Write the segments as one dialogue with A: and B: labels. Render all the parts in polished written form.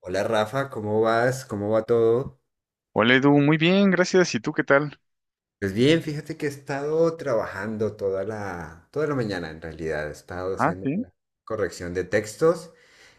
A: Hola Rafa, ¿cómo vas? ¿Cómo va todo?
B: Hola Edu, muy bien, gracias. ¿Y tú qué tal?
A: Pues bien, fíjate que he estado trabajando toda la mañana en realidad, he estado
B: Ah,
A: haciendo
B: sí.
A: una corrección de textos.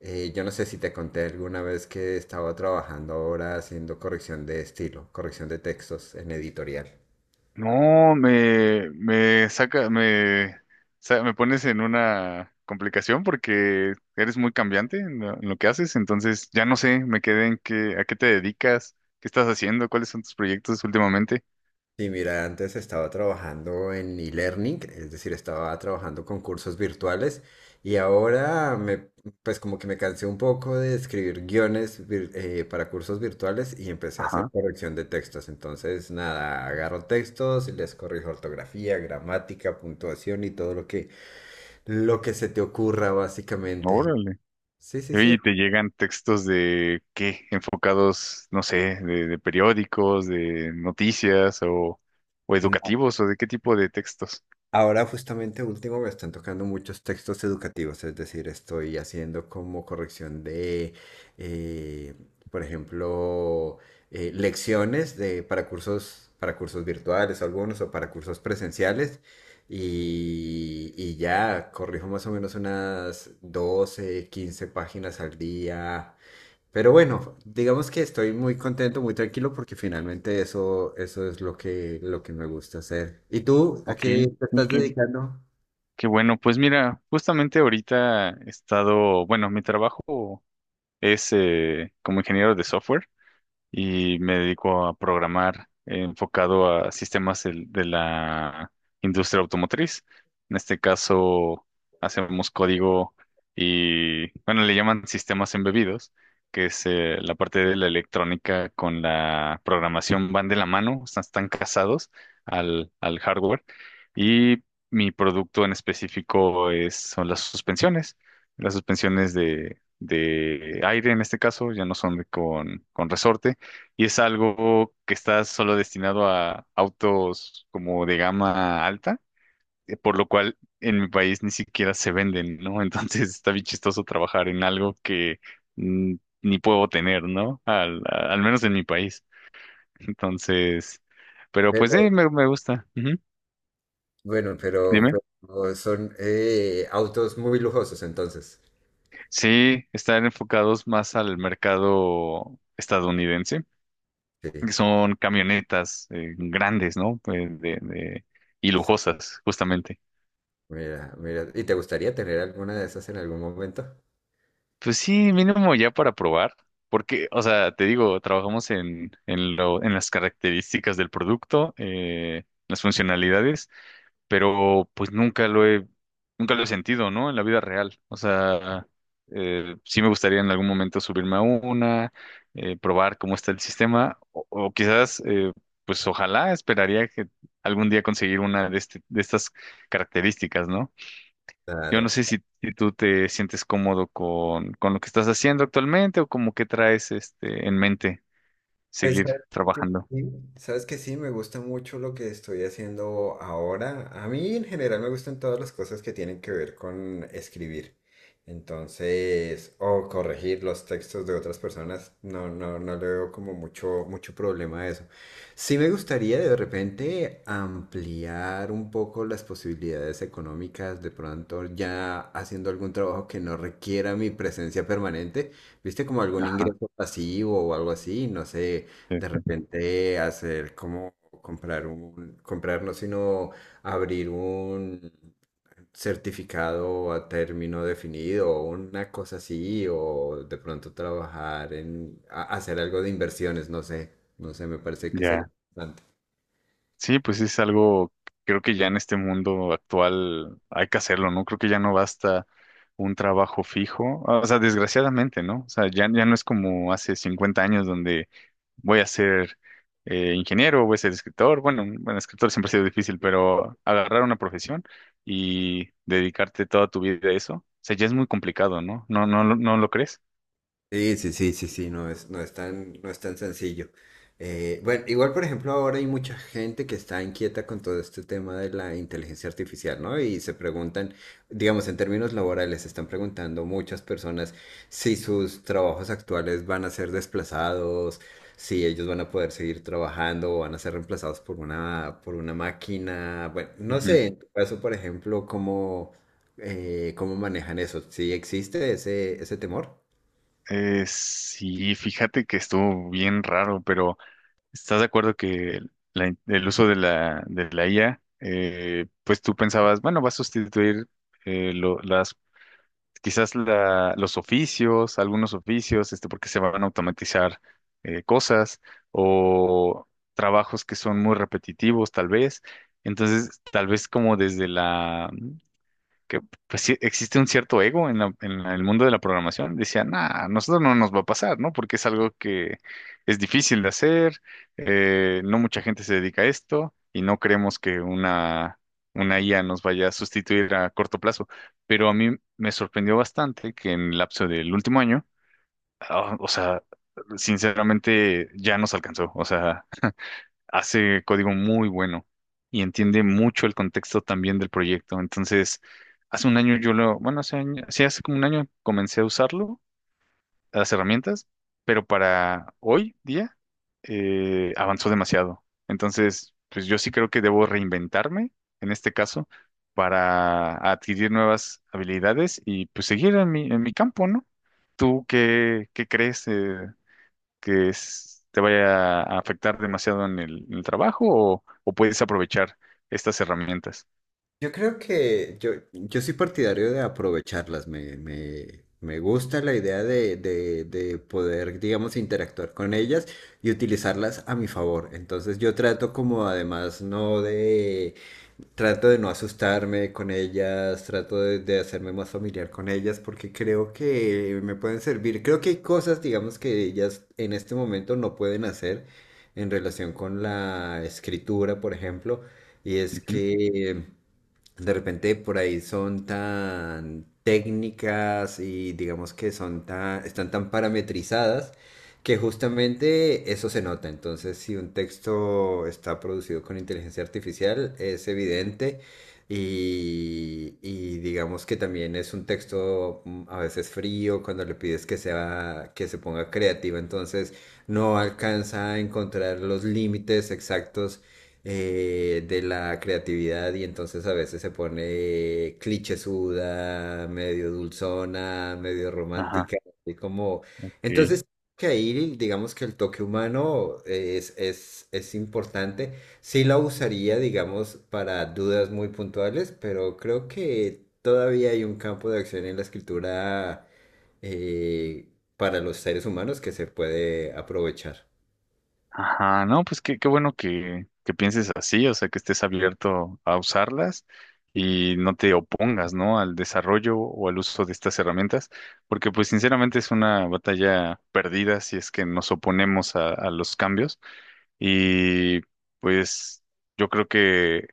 A: Yo no sé si te conté alguna vez que estaba trabajando ahora haciendo corrección de estilo, corrección de textos en editorial.
B: No, me saca, me, sa- me pones en una complicación porque eres muy cambiante en lo que haces, entonces ya no sé, me quedé en qué, a qué te dedicas, qué estás haciendo, cuáles son tus proyectos últimamente.
A: Sí, mira, antes estaba trabajando en e-learning, es decir, estaba trabajando con cursos virtuales y ahora pues como que me cansé un poco de escribir guiones para cursos virtuales y empecé a hacer
B: Ajá,
A: corrección de textos. Entonces, nada, agarro textos y les corrijo ortografía, gramática, puntuación y todo lo que se te ocurra básicamente.
B: órale.
A: Sí, sí,
B: Y
A: sí.
B: oye, te llegan textos de qué, enfocados, no sé, de periódicos, de noticias o educativos o de qué tipo de textos.
A: Ahora justamente último me están tocando muchos textos educativos, es decir, estoy haciendo como corrección de, eh, por ejemplo, lecciones de, para cursos virtuales algunos o para cursos presenciales y ya corrijo más o menos unas 12 15 páginas al día, pero bueno, digamos que estoy muy contento, muy tranquilo porque finalmente eso es lo que me gusta hacer. ¿Y tú a
B: Ok,
A: qué te estás
B: ok,
A: dedicando?
B: qué bueno, pues mira, justamente ahorita he estado, bueno, mi trabajo es como ingeniero de software y me dedico a programar enfocado a sistemas de la industria automotriz. En este caso, hacemos código y, bueno, le llaman sistemas embebidos, que es la parte de la electrónica con la programación van de la mano, están casados al hardware. Y mi producto en específico es, son las suspensiones, las suspensiones de aire en este caso, ya no son con resorte, y es algo que está solo destinado a autos como de gama alta, por lo cual en mi país ni siquiera se venden, ¿no? Entonces está bien chistoso trabajar en algo que mm, ni puedo tener, ¿no? Al menos en mi país. Entonces, pero pues
A: Pero,
B: sí, me gusta. Ujú.
A: bueno, pero,
B: Dime.
A: pero son autos muy lujosos entonces.
B: Sí, están enfocados más al mercado estadounidense,
A: Sí,
B: que son camionetas grandes, ¿no? Pues, y
A: sí,
B: lujosas, justamente.
A: mira, mira. ¿Y te gustaría tener alguna de esas en algún momento?
B: Pues sí, mínimo ya para probar, porque, o sea, te digo, trabajamos en las características del producto, las funcionalidades, pero pues nunca lo he sentido, ¿no? En la vida real. O sea, sí me gustaría en algún momento subirme a una, probar cómo está el sistema, o quizás, pues ojalá esperaría que algún día conseguir una de estas características, ¿no? Yo
A: Claro.
B: no sé si tú te sientes cómodo con lo que estás haciendo actualmente o como que traes este en mente
A: Pues
B: seguir
A: que
B: trabajando.
A: sí, sabes que sí, me gusta mucho lo que estoy haciendo ahora. A mí en general me gustan todas las cosas que tienen que ver con escribir. Entonces, o corregir los textos de otras personas, no, no, no le veo como mucho, mucho problema a eso. Sí me gustaría de repente ampliar un poco las posibilidades económicas, de pronto ya haciendo algún trabajo que no requiera mi presencia permanente, viste como algún
B: Ajá,
A: ingreso pasivo o algo así, no sé,
B: sí,
A: de
B: sí.
A: repente hacer como comprar un, comprar no, sino abrir un certificado a término definido o una cosa así, o de pronto trabajar en hacer algo de inversiones, no sé, no sé, me parece que sería
B: Ya.
A: interesante.
B: Sí, pues sí, es algo, creo que ya en este mundo actual hay que hacerlo, ¿no? Creo que ya no basta un trabajo fijo, ah, o sea, desgraciadamente, ¿no? O sea, ya no es como hace 50 años donde voy a ser ingeniero, voy a ser escritor, bueno, bueno, escritor siempre ha sido difícil, pero agarrar una profesión y dedicarte toda tu vida a eso, o sea, ya es muy complicado, ¿no? ¿No, no, no lo crees?
A: Sí, sí, sí, sí, sí, no es tan sencillo. Bueno, igual, por ejemplo, ahora hay mucha gente que está inquieta con todo este tema de la inteligencia artificial, ¿no? Y se preguntan, digamos, en términos laborales, se están preguntando muchas personas si sus trabajos actuales van a ser desplazados, si ellos van a poder seguir trabajando o van a ser reemplazados por una máquina. Bueno, no
B: Ujú.
A: sé, en tu caso, por ejemplo, cómo manejan eso. ¿Sí existe ese temor?
B: Sí, fíjate que estuvo bien raro, pero. ¿Estás de acuerdo que el uso de la IA, pues tú pensabas, bueno, va a sustituir eh, lo- las, quizás los oficios, algunos oficios, este, porque se van a automatizar cosas o trabajos que son muy repetitivos, tal vez. Entonces, tal vez como desde la que pues, sí existe un cierto ego en el mundo de la programación. Decían, ah, a nosotros no nos va a pasar, ¿no? Porque es algo que es difícil de hacer, no mucha gente se dedica a esto y no creemos que una IA nos vaya a sustituir a corto plazo. Pero a mí me sorprendió bastante que en el lapso del último año, ah, o sea, sinceramente ya nos alcanzó. O sea, hace código muy bueno y entiende mucho el contexto también del proyecto. Entonces, hace un año yo lo, bueno, hace año, sí, hace como un año comencé a usarlo, las herramientas, pero para hoy día avanzó demasiado. Entonces, pues yo sí creo que debo reinventarme en este caso para adquirir nuevas habilidades y pues seguir en mi campo, ¿no? ¿Tú qué crees? ¿Que te vaya a afectar demasiado en el trabajo o puedes aprovechar estas herramientas?
A: Yo creo que yo soy partidario de aprovecharlas. Me gusta la idea de poder, digamos, interactuar con ellas y utilizarlas a mi favor. Entonces yo trato como además no de, trato de, no asustarme con ellas, trato de hacerme más familiar con ellas porque creo que me pueden servir. Creo que hay cosas, digamos, que ellas en este momento no pueden hacer en relación con la escritura, por ejemplo. Y es
B: Ujú.
A: que... De repente por ahí son tan técnicas y digamos que son tan, están tan parametrizadas que justamente eso se nota. Entonces, si un texto está producido con inteligencia artificial, es evidente y digamos que también es un texto a veces frío cuando le pides que sea, que se ponga creativa, entonces no alcanza a encontrar los límites exactos de la creatividad y entonces a veces se pone clichésuda, medio dulzona, medio
B: Ajá,
A: romántica, y como...
B: ok.
A: Entonces, que ahí digamos que el toque humano es importante. Sí la usaría, digamos, para dudas muy puntuales, pero creo que todavía hay un campo de acción en la escritura eh, para los seres humanos que se puede aprovechar.
B: Ajá, no, pues qué bueno que pienses así, o sea, que estés abierto a usarlas y no te opongas, ¿no? Al desarrollo o al uso de estas herramientas, porque pues sinceramente es una batalla perdida si es que nos oponemos a los cambios. Y pues yo creo que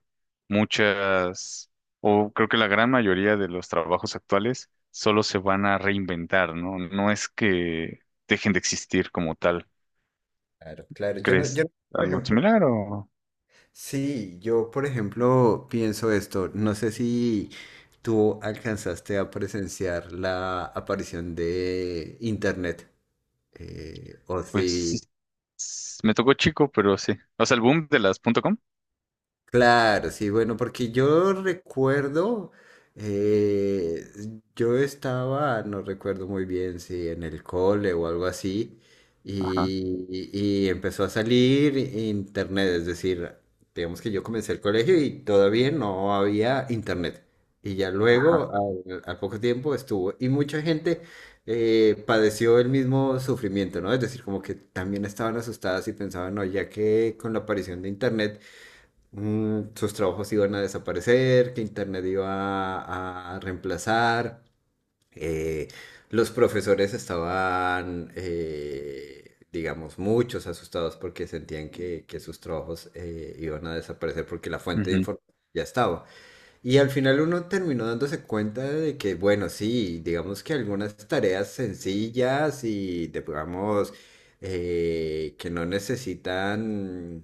B: muchas, o creo que la gran mayoría de los trabajos actuales solo se van a reinventar, ¿no? No es que dejen de existir como tal.
A: Claro, claro. Yo
B: ¿Crees
A: no, yo no, por
B: algo
A: ejemplo.
B: similar o
A: Sí, yo por ejemplo pienso esto, no sé si tú alcanzaste a presenciar la aparición de Internet, o
B: pues sí?
A: si
B: Me tocó chico, pero sí. O sea, el boom de las punto .com.
A: Claro, sí, bueno, porque yo recuerdo, eh, yo estaba, no recuerdo muy bien si en el cole o algo así,
B: Ajá,
A: y empezó a salir internet, es decir, digamos que yo comencé el colegio y todavía no había internet. Y ya
B: ajá.
A: luego, al poco tiempo estuvo, y mucha gente padeció el mismo sufrimiento, ¿no? Es decir, como que también estaban asustadas y pensaban, no, ya que con la aparición de internet, sus trabajos iban a desaparecer, que Internet iba a reemplazar, eh, los profesores estaban, digamos, muchos asustados porque sentían que sus trabajos iban a desaparecer porque la fuente de
B: Ujú.
A: información ya estaba. Y al final uno terminó dándose cuenta de que, bueno, sí, digamos que algunas tareas sencillas y, digamos, que no necesitan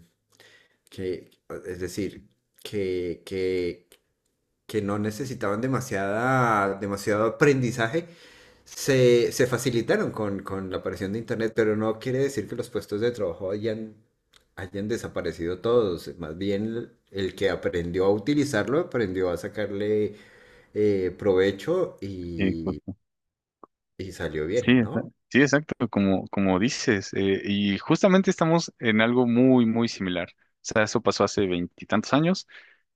A: que, es decir, que, que, que no necesitaban demasiada, demasiado aprendizaje, se facilitaron con la aparición de Internet, pero no quiere decir que los puestos de trabajo hayan desaparecido todos. Más bien, el que aprendió a utilizarlo, aprendió a sacarle provecho
B: Sí,
A: y,
B: justo.
A: y salió
B: Sí,
A: bien, ¿no?
B: exacto, como, como, dices. Y justamente estamos en algo muy, muy similar. O sea, eso pasó hace veintitantos años.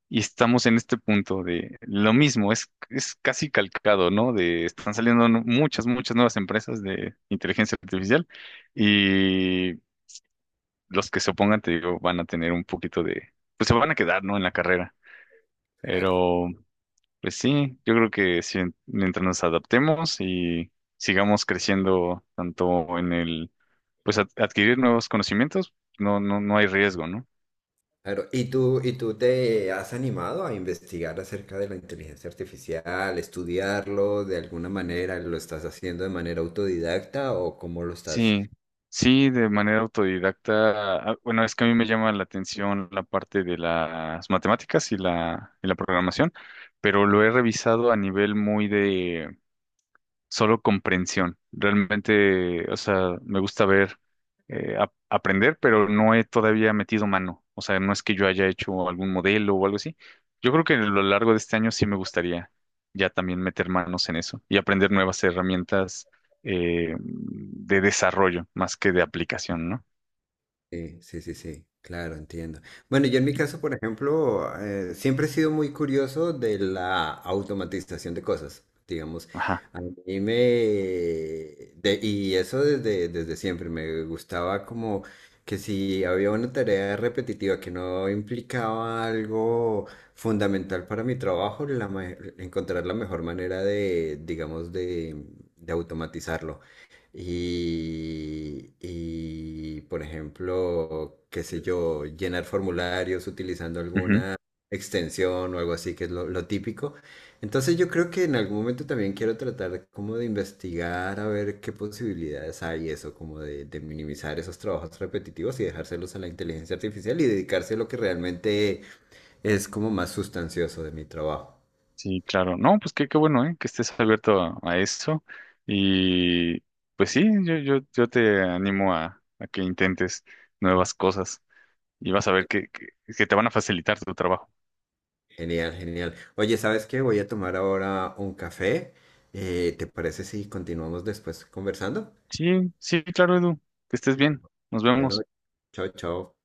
B: Y estamos en este punto de lo mismo, es casi calcado, ¿no? De están saliendo muchas nuevas empresas de inteligencia artificial y los que se opongan, te digo, van a tener un poquito de, pues se van a quedar, ¿no? En la carrera. Pero, pues sí, yo creo que sí, mientras nos adaptemos y sigamos creciendo tanto en el, pues adquirir nuevos conocimientos, no, no, no hay riesgo, ¿no?
A: Claro, ¿y tú te has animado a investigar acerca de la inteligencia artificial, estudiarlo de alguna manera? ¿Lo estás haciendo de manera autodidacta o cómo lo estás?
B: Sí, sí, de manera autodidacta. Ah, bueno, es que a mí me llama la atención la parte de las matemáticas y y la programación, pero lo he revisado a nivel muy de solo comprensión. Realmente, o sea, me gusta ver, aprender, pero no he todavía metido mano. O sea, no es que yo haya hecho algún modelo o algo así. Yo creo que a lo largo de este año sí me gustaría ya también meter manos en eso y aprender nuevas herramientas de desarrollo más que de aplicación, ¿no?
A: Sí, sí, sí, sí, claro, entiendo. Bueno, yo en mi caso, por ejemplo, siempre he sido muy curioso de la automatización de cosas, digamos.
B: Ajá.
A: A mí me... de- Y eso desde siempre, me gustaba como que si había una tarea repetitiva que no implicaba algo fundamental para mi trabajo, encontrar la mejor manera de, digamos, de automatizarlo. Y, por ejemplo, qué sé yo, llenar formularios utilizando alguna extensión o algo así, que es lo típico. Entonces yo creo que en algún momento también quiero tratar como de investigar a ver qué posibilidades hay eso, como de minimizar esos trabajos repetitivos y dejárselos a la inteligencia artificial y dedicarse a lo que realmente es como más sustancioso de mi trabajo.
B: Sí, claro. No, pues qué bueno, ¿eh? Que estés abierto a eso. Y pues sí, yo te animo a que intentes nuevas cosas y vas a ver que te van a facilitar tu trabajo.
A: Genial, genial. Oye, ¿sabes qué? Voy a tomar ahora un café. ¿Te parece si continuamos después conversando?
B: Sí, sí, claro, Edu. Que estés bien. Nos
A: Bueno,
B: vemos.
A: chao, chao.